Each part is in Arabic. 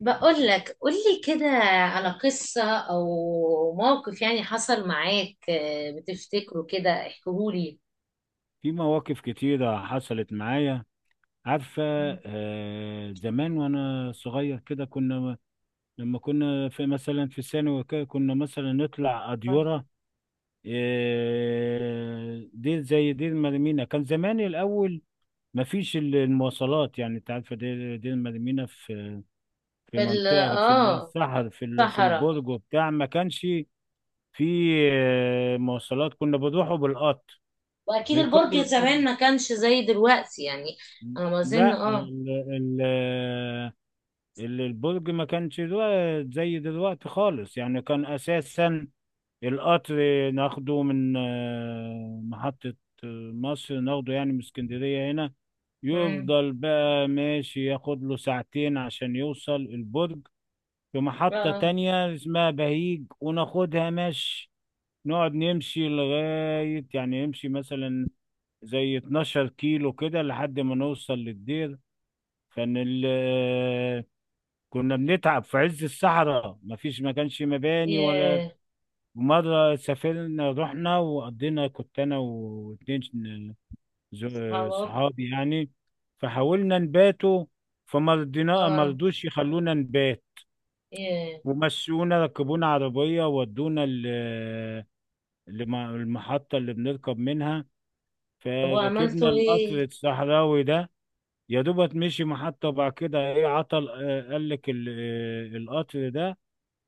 بقول لك قول لي كده على قصة أو موقف يعني حصل معاك، بتفتكره كده احكيهولي. في مواقف كتيرة حصلت معايا. عارفة؟ زمان وأنا صغير كده كنا، لما كنا في مثلا في ثانوي وكده، كنا مثلا نطلع أديورة. دير زي دير مريمينا كان زمان الأول، مفيش المواصلات. يعني أنت عارفة، دير مريمينا في في منطقة في الصحر في في صحراء. البرج وبتاع، ما كانش في مواصلات. كنا بنروحوا بالقطر، وأكيد البرج نركبوا القطر. زمان ما كانش زي دلوقتي يعني، أنا ما أظن لا، البرج ما كانش دلوقتي زي دلوقتي خالص، يعني كان أساسا القطر ناخده من محطة مصر، ناخده يعني من اسكندرية هنا، مم. يفضل بقى ماشي ياخد له ساعتين عشان يوصل البرج. في محطة اه. تانية اسمها بهيج وناخدها مشي، نقعد نمشي لغاية، يعني نمشي مثلا زي 12 كيلو كده لحد ما نوصل للدير. كان ال، كنا بنتعب في عز الصحراء، مفيش، ما كانش مباني ولا. ياه. مرة سافرنا، رحنا وقضينا، كنت أنا واتنين صحابك. صحابي يعني. فحاولنا نباتوا، فمرضينا، اه. مرضوش يخلونا نبات، ياه. ومشونا، ركبونا عربية ودونا المحطة اللي بنركب منها، طب فركبنا وعملتوا القطر ايه؟ الصحراوي ده. يا دوبت مشي محطة وبعد كده، ايه، عطل. قال لك القطر ده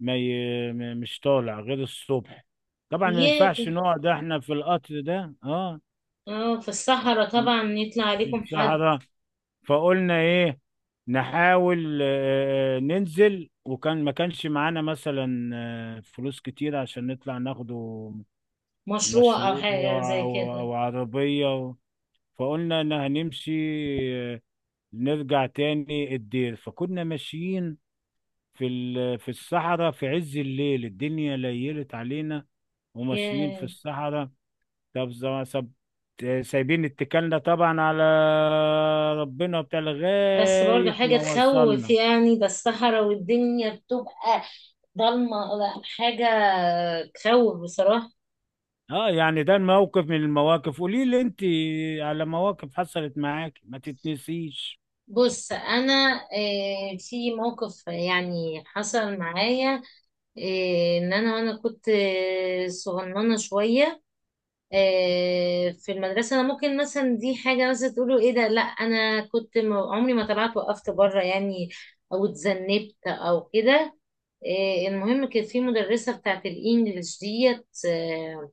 ما ي- م- مش طالع غير الصبح. طبعا ما اياك. ينفعش نقعد احنا في القطر ده، اه، اه، في الصحراء طبعا يطلع في عليكم حد. الصحراء. فقلنا ايه، نحاول ننزل، وكان ما كانش معانا مثلا فلوس كتير عشان نطلع ناخده مشروع أو مشروب حاجة زي او كده. أو عربية. فقلنا ان هنمشي، آه، نرجع تاني الدير. فكنا ماشيين في في الصحراء في عز الليل، الدنيا ليلت علينا وماشيين في ياه. الصحراء. طب، ز- سب سايبين اتكالنا طبعا على ربنا بتاع بس برضو لغاية حاجة ما تخوف، وصلنا. يعني ده الصحراء والدنيا بتبقى ضلمة، لا، حاجة تخوف بصراحة. اه يعني ده الموقف من المواقف. قولي لي انت على مواقف حصلت معاك ما تتنسيش. بص أنا، في موقف يعني حصل معايا، إن أنا كنت صغننة شوية، في المدرسة. أنا ممكن مثلا دي حاجة مثلا تقولوا إيه ده، لأ أنا عمري ما طلعت وقفت بره يعني، أو اتذنبت أو كده. المهم كانت في مدرسة بتاعت الإنجليش ديت،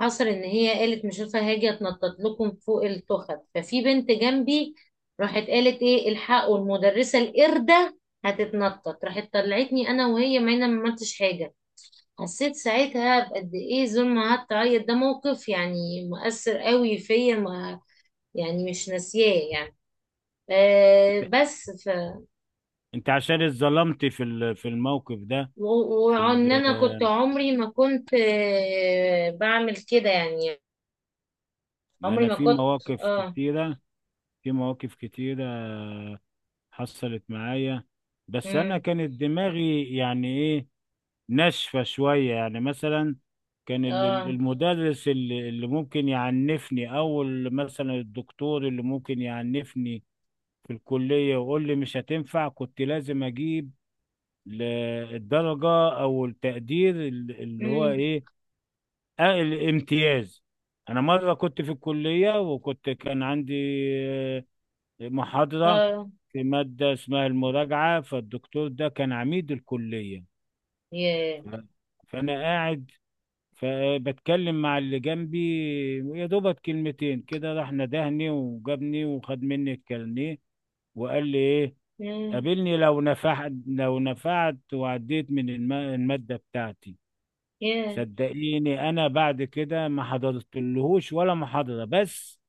حصل إن هي قالت مش عارفة هاجي أتنطط لكم فوق التخت، ففي بنت جنبي راحت قالت إيه، الحقوا المدرسة القردة هتتنطط، راحت طلعتني أنا وهي، ما أنا ما عملتش حاجة. حسيت ساعتها بقد ايه زول، ما قعدت اعيط. ده موقف يعني مؤثر قوي فيا، ما يعني مش ناسياه يعني. آه بس ف انت عشان اتظلمت في في الموقف ده. و- في وان انا كنت ال- عمري ما كنت بعمل كده يعني، عمري انا ما في كنت. مواقف اه. كتيرة، في مواقف كتيرة حصلت معايا، بس انا امم. كانت دماغي يعني ايه، ناشفه شويه. يعني مثلا كان اه. المدرس اللي ممكن يعنفني، او مثلا الدكتور اللي ممكن يعنفني في الكليه ويقول لي مش هتنفع. كنت لازم اجيب ل- الدرجه او التقدير اللي هو امم. ايه، الامتياز. انا مره كنت في الكليه، وكنت كان عندي محاضرة اه. في مادة اسمها المراجعة، فالدكتور ده كان عميد الكلية. ياه. ف- فأنا قاعد فبتكلم مع اللي جنبي، يا دوبك كلمتين كده، راح ندهني وجابني وخد مني الكارنيه وقال لي إيه، مم. قابلني لو نفعت، لو نفعت وعديت من المادة بتاعتي. ياه. صدقيني أنا بعد كده ما حضرتلهوش ولا محاضرة، بس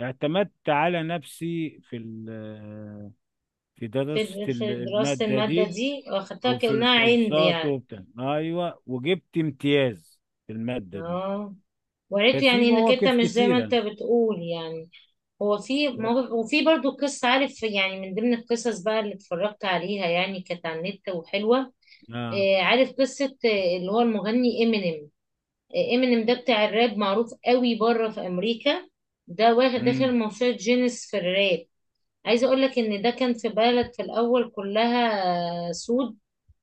اعتمدت على نفسي في ال في في درست دراسة المادة المادة دي، دي، واخدتها وفي كأنها عندي الكورسات يعني. وبتاع، ايوه، وجبت امتياز في المادة دي. اه. وريته ففي يعني انك انت مواقف مش زي ما انت كتيرة. بتقول يعني. هو في موقف، وفي برضو قصة عارف، يعني من ضمن القصص بقى اللي اتفرجت عليها، يعني كانت على النت وحلوة. اه. عارف قصة، اللي هو المغني امينيم. امينيم ده بتاع الراب، معروف قوي بره في امريكا. ده واخد امم. داخل موسوعة جينيس في الراب. عايزة اقول لك ان ده كان في بلد في الاول كلها، سود.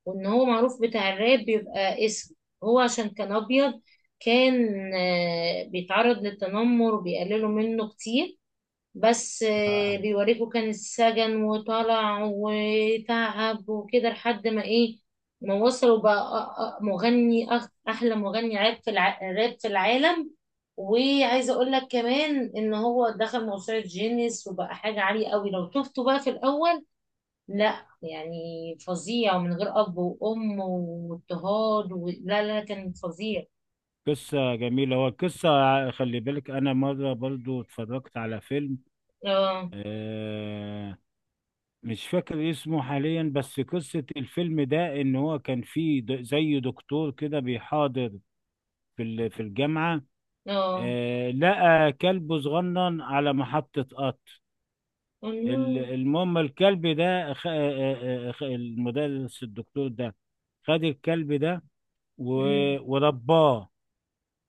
وان هو معروف بتاع الراب بيبقى اسود، هو عشان كان ابيض، كان بيتعرض للتنمر وبيقللوا منه كتير. بس اه. بيوريكوا كان السجن، وطلع وتعب وكده لحد ما ايه، ما وصل وبقى احلى مغني راب في العالم. وعايزه اقول لك كمان ان هو دخل موسوعه جينيس، وبقى حاجه عاليه قوي لو شفته بقى في الاول. لا يعني فظيع، ومن غير اب وام واضطهاد لا كان فظيع. قصة جميلة هو القصة. خلي بالك انا مرة برضو اتفرجت على فيلم، اه. آه مش فاكر اسمه حاليا، بس قصة الفيلم ده ان هو كان فيه زي دكتور كده بيحاضر في في الجامعة. اه. لقى كلب صغنن على محطة قطر. الله. المهم الكلب ده، المدرس الدكتور ده خد الكلب ده أمم. ورباه،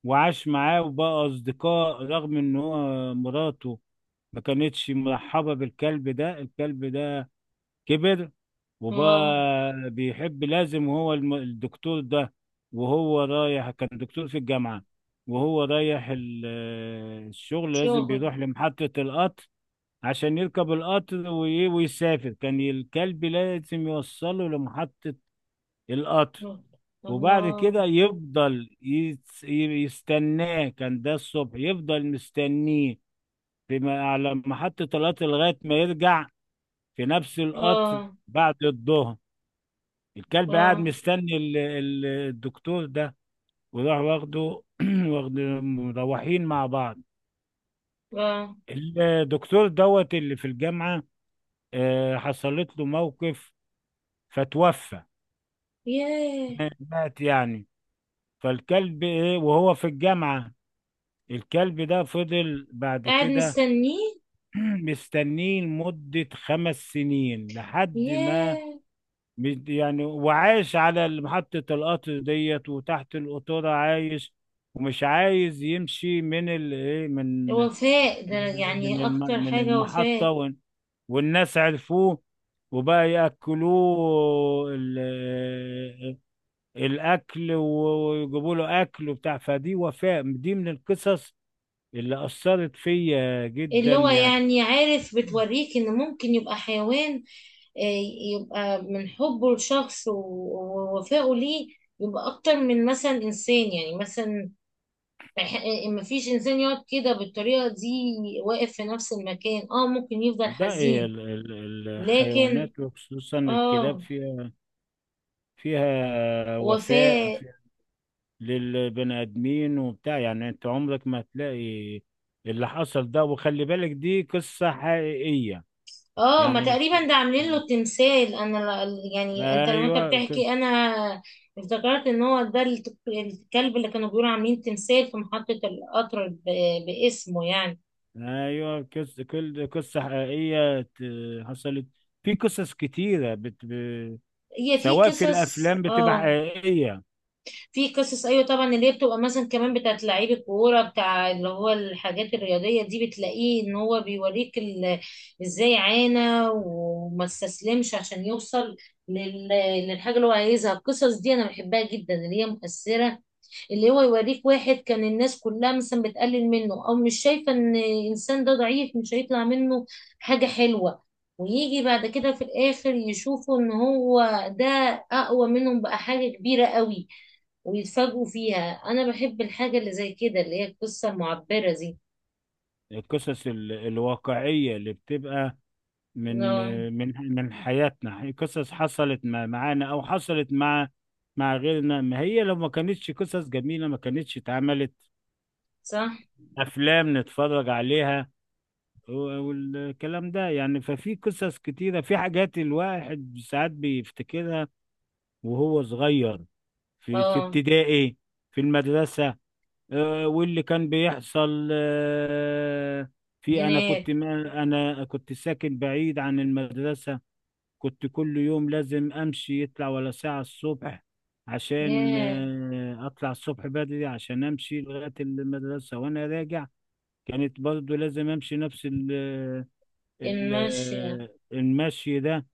وعاش معاه وبقى أصدقاء رغم إن هو مراته ما كانتش مرحبة بالكلب ده. الكلب ده كبر اه. وبقى بيحب، لازم هو الدكتور ده، وهو رايح، كان دكتور في الجامعة، وهو رايح الشغل لازم شغل. بيروح لمحطة القطر عشان يركب القطر ويسافر. كان الكلب لازم يوصله لمحطة القطر، وبعد الله. كده يفضل يستناه. كان ده الصبح يفضل مستنيه في على محطة القطر لغاية ما يرجع في نفس القطر اه. بعد الظهر. الكلب قاعد اه. مستني الدكتور ده، وراح واخده واخد، مروحين مع بعض. اه. الدكتور دوت اللي في الجامعة، حصلت له موقف فتوفى، ياه. مات يعني. فالكلب ايه وهو في الجامعة، الكلب ده فضل بعد قاعد كده مستنيه. مستنيه لمدة 5 سنين لحد ما ياه. يعني، وعاش على محطة القطر ديت وتحت القطورة عايش، ومش عايز يمشي من ال، إيه، من من وفاء ده ال- من يعني الم- اكتر من حاجة المحطة، وفاء. وال، والناس عرفوه وبقى يأكلوه الاكل ويجيبوا له اكل وبتاع. فدي وفاء، دي من القصص اللي اثرت فيا اللي جدا هو يعني. يعني عارف بتوريك ان ممكن يبقى حيوان، آه، يبقى من حبه لشخص ووفائه ليه، يبقى اكتر من مثلا انسان، يعني مثلا ما فيش انسان يقعد كده بالطريقة دي، واقف في نفس المكان، اه ممكن يفضل ده إيه حزين. لكن. الحيوانات وخصوصا الكلاب اه. فيها وفاء وفاء. للبني ادمين وبتاع. يعني انت عمرك ما هتلاقي اللي حصل ده، وخلي بالك دي قصة حقيقية، اه ما يعني مش، تقريبا ده عاملين له تمثال. انا يعني انت لما انت ايوه. بتحكي، انا افتكرت ان هو ده الكلب اللي كانوا بيقولوا عاملين تمثال في محطة القطر باسمه يعني. ايوه، كل قصه حقيقيه حصلت. في قصص كتيره هي في سواء في قصص، الافلام بتبقى اه حقيقيه. في قصص، ايوه طبعا، اللي هي بتبقى مثلا كمان بتاعت لعيب الكوره بتاع، اللي هو الحاجات الرياضيه دي، بتلاقيه ان هو بيوريك ازاي عانى وما استسلمش عشان يوصل لل- للحاجه اللي هو عايزها. القصص دي انا بحبها جدا، اللي هي مؤثره، اللي هو يوريك واحد كان الناس كلها مثلا بتقلل منه او مش شايفه ان الانسان ده ضعيف مش هيطلع منه حاجه حلوه، ويجي بعد كده في الاخر يشوفوا ان هو ده اقوى منهم، بقى حاجه كبيره قوي، ويتفاجئوا فيها. انا بحب الحاجه اللي زي كده، اللي هي القصه المعبره دي. القصص الواقعيه اللي بتبقى من اه. حياتنا، قصص حصلت معانا، او حصلت مع غيرنا. ما هي لو ما كانتش قصص جميله ما كانتش اتعملت صح. افلام نتفرج عليها و- والكلام ده يعني. ففي قصص كتيره، في حاجات الواحد ساعات بيفتكرها وهو صغير في في اه. ابتدائي، في المدرسة، واللي كان بيحصل، في، أنا كنت، هناك. ما أنا كنت ساكن بعيد عن المدرسة، كنت كل يوم لازم أمشي يطلع ولا ساعة الصبح عشان ياه. أطلع الصبح بدري عشان أمشي لغاية المدرسة. وأنا راجع كانت برضو لازم أمشي نفس ال ال الماشيه. المشي ده،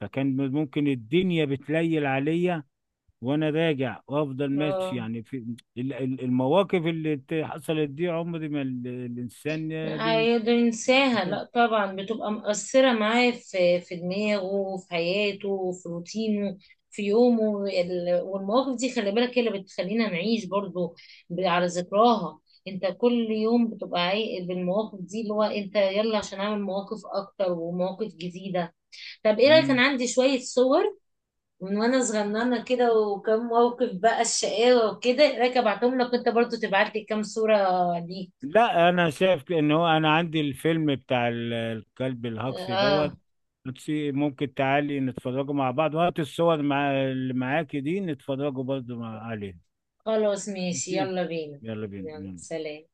فكان ممكن الدنيا بتليل عليا وانا راجع، وافضل ماشي اه يعني. في المواقف اللي حصلت دي، عمري ما الانسان بين. هيقدر ينساها، لا طبعا بتبقى مؤثره معاه في في دماغه، في حياته، في روتينه، في يومه والمواقف دي خلي بالك هي اللي بتخلينا نعيش برضو على ذكراها. انت كل يوم بتبقى عايق بالمواقف دي، اللي هو انت يلا عشان اعمل مواقف اكتر ومواقف جديده. طب ايه رأيك، انا مم. عندي شوية صور من وانا صغننة كده، وكم موقف بقى الشقاوة وكده، ايه رأيك ابعتهم لك وانت برضو تبعت لي كام صورة ليك؟ لا انا شايف ان هو انا عندي الفيلم بتاع الكلب الهجصي اه. دوت. ممكن تعالي نتفرجوا مع بعض، وهات الصور مع اللي معاكي دي نتفرجوا برضو مع عليه. خلاص ماشي، ماشي يلا بينا. يلا بينا. يلا يلا سلام.